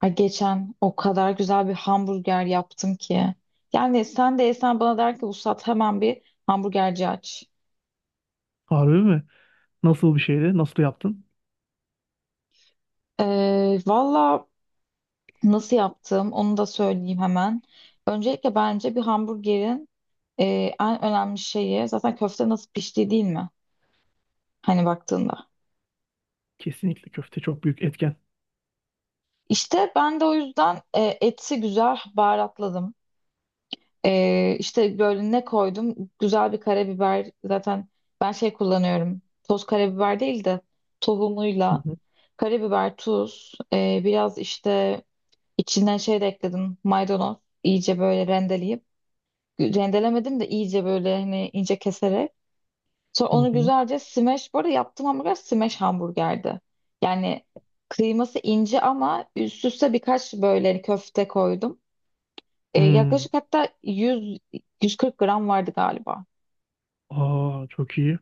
Ay geçen o kadar güzel bir hamburger yaptım ki. Yani sen de yesen bana der ki Vuslat hemen bir hamburgerci aç. Harbi mi? Nasıl bir şeydi? Nasıl yaptın? Valla nasıl yaptım onu da söyleyeyim hemen. Öncelikle bence bir hamburgerin e, en önemli şeyi zaten köfte nasıl piştiği değil mi? Hani baktığında. Kesinlikle köfte çok büyük etken. İşte ben de o yüzden eti güzel baharatladım. İşte böyle ne koydum? Güzel bir karabiber. Zaten ben şey kullanıyorum. Toz karabiber değil de Hı tohumuyla. hı. Karabiber, tuz, biraz işte içinden şey de ekledim. Maydanoz. İyice böyle rendeleyip. Rendelemedim de iyice böyle hani ince keserek. Sonra Hı onu hı. güzelce smash. Bu arada yaptığım hamburger smash hamburgerdi. Yani kıyması ince ama üst üste birkaç böyle hani köfte koydum. Hmm. Yaklaşık hatta 100 140 gram vardı galiba. Aa, çok iyi.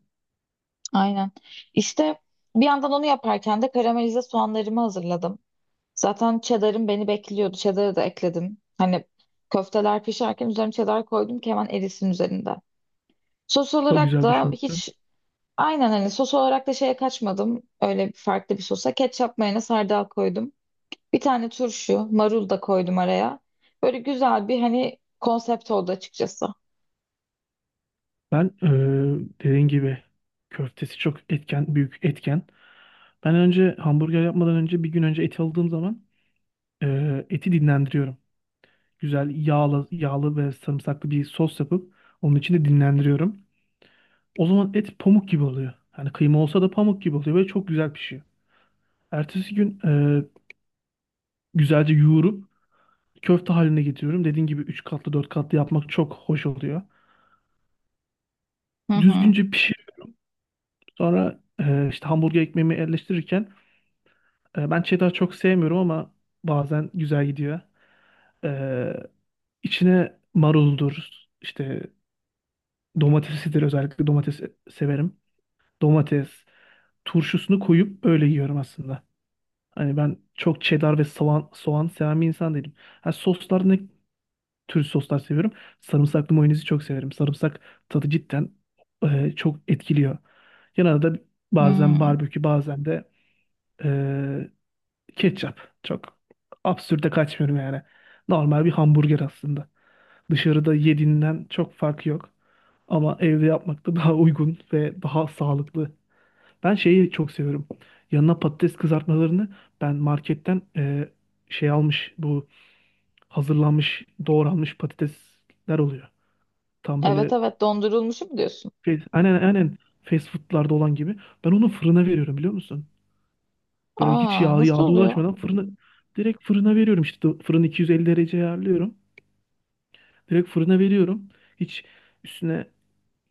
Aynen. İşte bir yandan onu yaparken de karamelize soğanlarımı hazırladım. Zaten cheddar'ım beni bekliyordu. Cheddar'ı da ekledim. Hani köfteler pişerken üzerine cheddar koydum ki hemen erisin üzerinde. Sos Çok olarak güzel da düşünmüşsün. hiç aynen hani sos olarak da şeye kaçmadım. Öyle farklı bir sosa ketçap mayonez hardal koydum. Bir tane turşu, marul da koydum araya. Böyle güzel bir hani konsept oldu açıkçası. Ben dediğin gibi köftesi çok etken, büyük etken. Ben önce hamburger yapmadan önce bir gün önce eti aldığım zaman eti dinlendiriyorum. Güzel yağlı, yağlı ve sarımsaklı bir sos yapıp onun içinde dinlendiriyorum. O zaman et pamuk gibi oluyor. Hani kıyma olsa da pamuk gibi oluyor ve çok güzel pişiyor. Ertesi gün güzelce yoğurup köfte haline getiriyorum. Dediğin gibi 3 katlı 4 katlı yapmak çok hoş oluyor. Hı hı. Düzgünce pişir. Sonra işte hamburger ekmeğimi yerleştirirken ben cheddar çok sevmiyorum ama bazen güzel gidiyor. E, içine maruldur, işte domatesidir, özellikle domates severim. Domates, turşusunu koyup öyle yiyorum aslında. Hani ben çok cheddar ve soğan, soğan seven bir insan değilim. Ha, soslar ne, Türk soslar seviyorum. Sarımsaklı mayonezi çok severim. Sarımsak tadı cidden çok etkiliyor. Yanına da bazen Hmm. barbekü bazen de e, ketçap. Çok absürde kaçmıyorum yani. Normal bir hamburger aslında. Dışarıda yediğinden çok farkı yok. Ama evde yapmak da daha uygun ve daha sağlıklı. Ben şeyi çok seviyorum. Yanına patates kızartmalarını ben marketten şey almış, bu hazırlanmış doğranmış patatesler oluyor. Tam Evet böyle evet, dondurulmuşu mu diyorsun? aynen, fast food'larda olan gibi. Ben onu fırına veriyorum, biliyor musun? Böyle hiç Aa, yağ nasıl oluyor? ulaşmadan fırına, direkt fırına veriyorum, işte fırını 250 derece ayarlıyorum. Direkt fırına veriyorum. Hiç üstüne,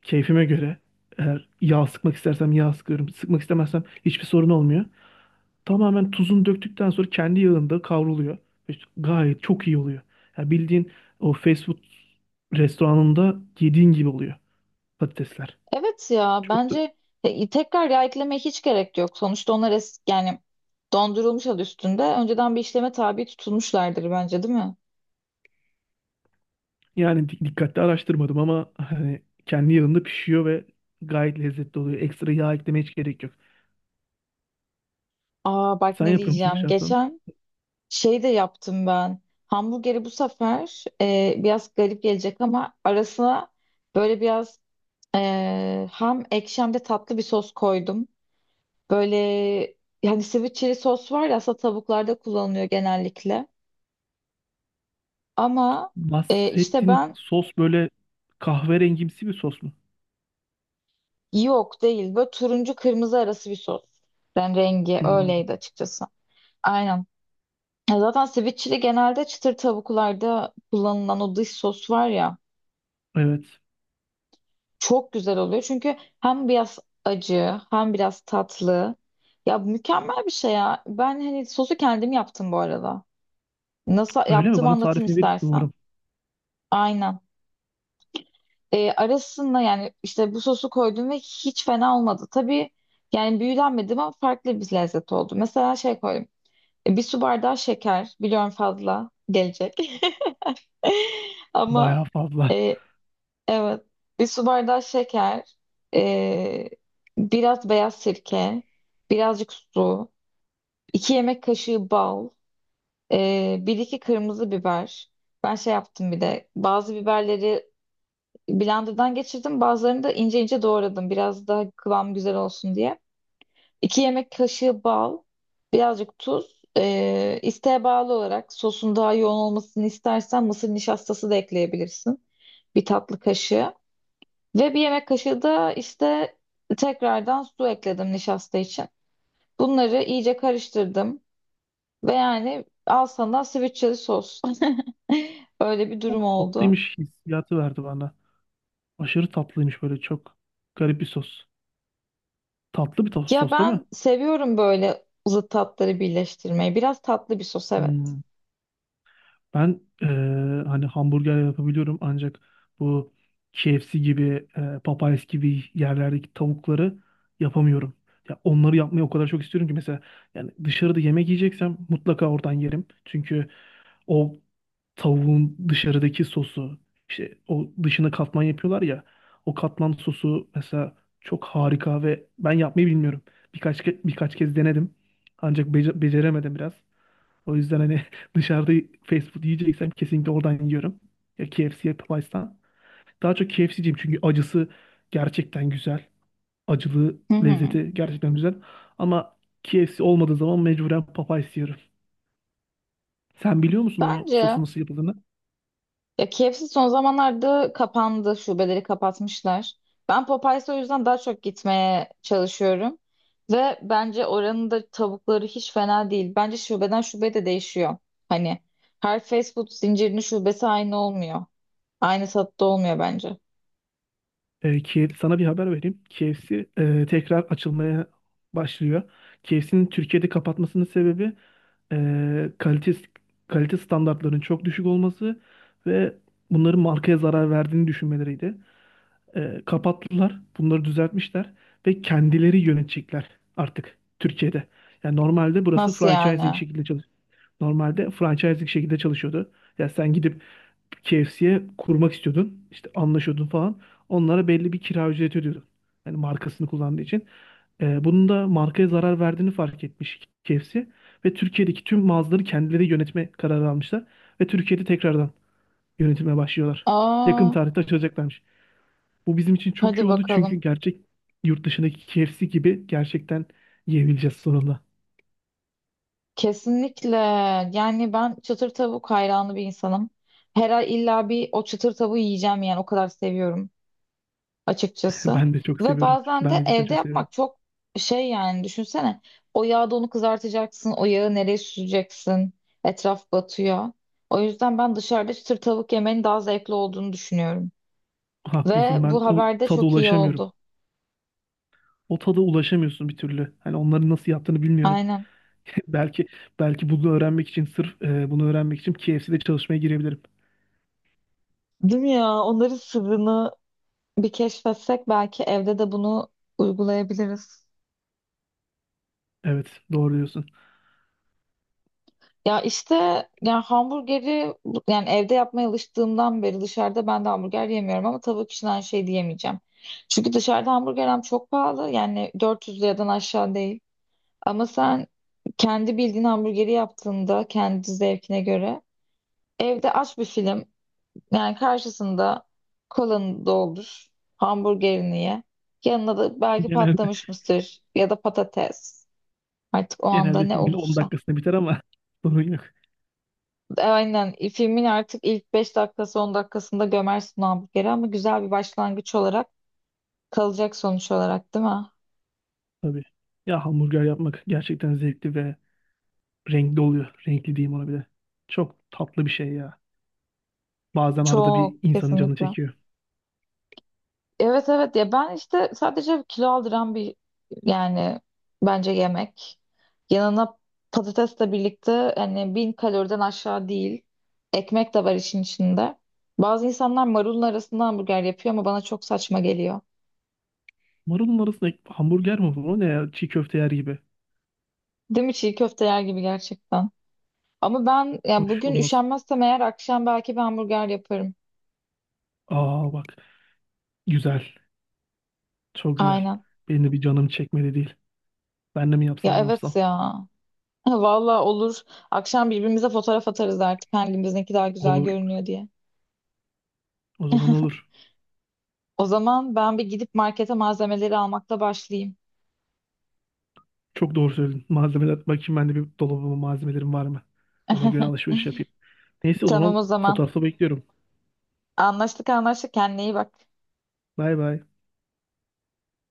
keyfime göre, eğer yağ sıkmak istersem yağ sıkıyorum. Sıkmak istemezsem hiçbir sorun olmuyor. Tamamen tuzunu döktükten sonra kendi yağında kavruluyor. İşte gayet çok iyi oluyor. Yani bildiğin o fast food restoranında yediğin gibi oluyor patatesler. Evet ya, Çok da. bence tekrar yağ eklemeye hiç gerek yok. Sonuçta onlar es yani dondurulmuş adı üstünde. Önceden bir işleme tabi tutulmuşlardır bence değil mi? Yani dikkatli araştırmadım ama hani kendi yağında pişiyor ve gayet lezzetli oluyor. Ekstra yağ eklemeye hiç gerek yok. Aa bak Sen ne yapıyor musun diyeceğim. dışarıdan? Geçen şey de yaptım ben. Hamburgeri bu sefer biraz garip gelecek ama arasına böyle biraz hem ekşi hem de tatlı bir sos koydum. Böyle yani sweet chili sos var ya, aslında tavuklarda kullanılıyor genellikle. Ama işte Bahsettiğin ben sos böyle kahverengimsi bir sos mu? yok değil. Böyle turuncu kırmızı arası bir sos. Ben rengi Hmm, öyleydi açıkçası. Aynen. Ya zaten sweet chili genelde çıtır tavuklarda kullanılan o dış sos var ya. evet. Çok güzel oluyor çünkü hem biraz acı hem biraz tatlı. Ya mükemmel bir şey ya. Ben hani sosu kendim yaptım bu arada. Nasıl Öyle mi? yaptığımı Bana anlatayım tarifini verirsin istersen. umarım. Aynen. Arasında yani işte bu sosu koydum ve hiç fena olmadı. Tabii yani büyülenmedim ama farklı bir lezzet oldu. Mesela şey koydum. Bir su bardağı şeker. Biliyorum fazla gelecek. Ama Bayağı fazla. e, Evet. Bir su bardağı şeker, e, biraz beyaz sirke, birazcık su, 2 yemek kaşığı bal, bir iki kırmızı biber. Ben şey yaptım, bir de bazı biberleri blenderdan geçirdim, bazılarını da ince ince doğradım biraz daha kıvam güzel olsun diye. 2 yemek kaşığı bal, birazcık tuz, isteğe bağlı olarak sosun daha yoğun olmasını istersen mısır nişastası da ekleyebilirsin. Bir tatlı kaşığı. Ve bir yemek kaşığı da işte tekrardan su ekledim nişasta için. Bunları iyice karıştırdım ve yani al sana sweet sos. Öyle bir durum Çok oldu. tatlıymış, hissiyatı verdi bana. Aşırı tatlıymış, böyle çok garip bir sos. Tatlı bir Ya sos değil mi? ben seviyorum böyle zıt tatları birleştirmeyi. Biraz tatlı bir sos, evet. Hmm. Ben hani hamburger yapabiliyorum ancak bu KFC gibi, Popeyes gibi yerlerdeki tavukları yapamıyorum. Ya onları yapmayı o kadar çok istiyorum ki, mesela yani dışarıda yemek yiyeceksem mutlaka oradan yerim. Çünkü o tavuğun dışarıdaki sosu, işte o dışına katman yapıyorlar ya, o katman sosu mesela çok harika ve ben yapmayı bilmiyorum. Birkaç kez denedim ancak beceremedim biraz. O yüzden hani dışarıda fast food yiyeceksem kesinlikle oradan yiyorum. Ya KFC ya Popeyes'tan. Daha çok KFC'ciyim çünkü acısı gerçekten güzel. Acılı Hı hı. lezzeti gerçekten güzel. Ama KFC olmadığı zaman mecburen Popeyes yiyorum. Sen biliyor musun o sosu Bence nasıl yapıldığını? Ya KFC son zamanlarda kapandı. Şubeleri kapatmışlar. Ben Popeyes'e o yüzden daha çok gitmeye çalışıyorum. Ve bence oranın da tavukları hiç fena değil. Bence şubeden şubeye de değişiyor. Hani her fast food zincirinin şubesi aynı olmuyor. Aynı tatta olmuyor bence. Kiev, sana bir haber vereyim. KFC tekrar açılmaya başlıyor. KFC'nin Türkiye'de kapatmasının sebebi e, kalite kalite standartlarının çok düşük olması ve bunların markaya zarar verdiğini düşünmeleriydi. Kapattılar, bunları düzeltmişler ve kendileri yönetecekler artık Türkiye'de. Yani normalde burası Nasıl franchising yani? şekilde çalış. Normalde franchising şekilde çalışıyordu. Ya sen gidip KFC'ye kurmak istiyordun. İşte anlaşıyordun falan. Onlara belli bir kira ücreti ödüyordun. Yani markasını kullandığı için. Bunun da markaya zarar verdiğini fark etmiş KFC. Ve Türkiye'deki tüm mağazaları kendileri yönetme kararı almışlar. Ve Türkiye'de tekrardan yönetime başlıyorlar. Yakın Aa, tarihte açılacaklarmış. Bu bizim için çok iyi hadi oldu çünkü bakalım. gerçek yurt dışındaki KFC gibi gerçekten yiyebileceğiz sonunda. Kesinlikle. Yani ben çıtır tavuk hayranı bir insanım. Her ay illa bir o çıtır tavuğu yiyeceğim, yani o kadar seviyorum açıkçası. Ben de çok Ve seviyorum. bazen Ben de de cidden evde çok seviyorum. yapmak çok şey yani, düşünsene. O yağda onu kızartacaksın. O yağı nereye süreceksin? Etraf batıyor. O yüzden ben dışarıda çıtır tavuk yemenin daha zevkli olduğunu düşünüyorum. Ve Haklısın. Ben bu o haberde tada çok iyi ulaşamıyorum. oldu. O tada ulaşamıyorsun bir türlü. Hani onların nasıl yaptığını bilmiyorum. Aynen. Belki, belki bunu öğrenmek için, sırf bunu öğrenmek için KFC'de çalışmaya girebilirim. Değil mi ya? Onların sırrını bir keşfetsek belki evde de bunu uygulayabiliriz. Evet, doğru diyorsun. Ya işte yani hamburgeri yani evde yapmaya alıştığımdan beri dışarıda ben de hamburger yemiyorum ama tavuk için aynı şey diyemeyeceğim. Çünkü dışarıda hamburger hem çok pahalı, yani 400 liradan aşağı değil. Ama sen kendi bildiğin hamburgeri yaptığında kendi zevkine göre evde aç bir film, yani karşısında kolanı doldur, hamburgerini ye. Yanına da belki Genelde patlamış mısır ya da patates, artık o anda genelde ne filmin 10 olursa. dakikasında biter ama sorun yok Aynen. Filmin artık ilk 5 dakikası 10 dakikasında gömersin o hamburgeri ama güzel bir başlangıç olarak kalacak, sonuç olarak değil mi? tabii. Ya hamburger yapmak gerçekten zevkli ve renkli oluyor. Renkli diyeyim ona bile. Çok tatlı bir şey ya. Bazen arada bir Çok insanın canı kesinlikle. çekiyor. Evet evet ya, ben işte sadece kilo aldıran bir yani bence yemek. Yanına patatesle birlikte hani 1.000 kaloriden aşağı değil. Ekmek de var işin içinde. Bazı insanlar marulun arasında hamburger yapıyor ama bana çok saçma geliyor. Marulun arasında hamburger mi bu? O ne ya? Çiğ köfte yer gibi. Değil mi? Çiğ köfte yer gibi gerçekten. Ama ben ya Hoş bugün olmaz. üşenmezsem eğer akşam belki bir hamburger yaparım. Aa bak. Güzel. Çok güzel. Aynen. Benim de bir canım çekmedi değil. Ben de mi Ya yapsam, ne evet yapsam? ya. Valla olur. Akşam birbirimize fotoğraf atarız artık hangimizinki daha güzel Olur. görünüyor diye. O zaman olur. O zaman ben bir gidip markete malzemeleri almakla başlayayım. Çok doğru söyledin. Malzemeler. Bakayım ben de bir, dolabıma malzemelerim var mı? Ona göre alışveriş yapayım. Neyse, o Tamam zaman o zaman. fotoğrafı bekliyorum. Anlaştık anlaştık. Kendine iyi bak. Bay bay.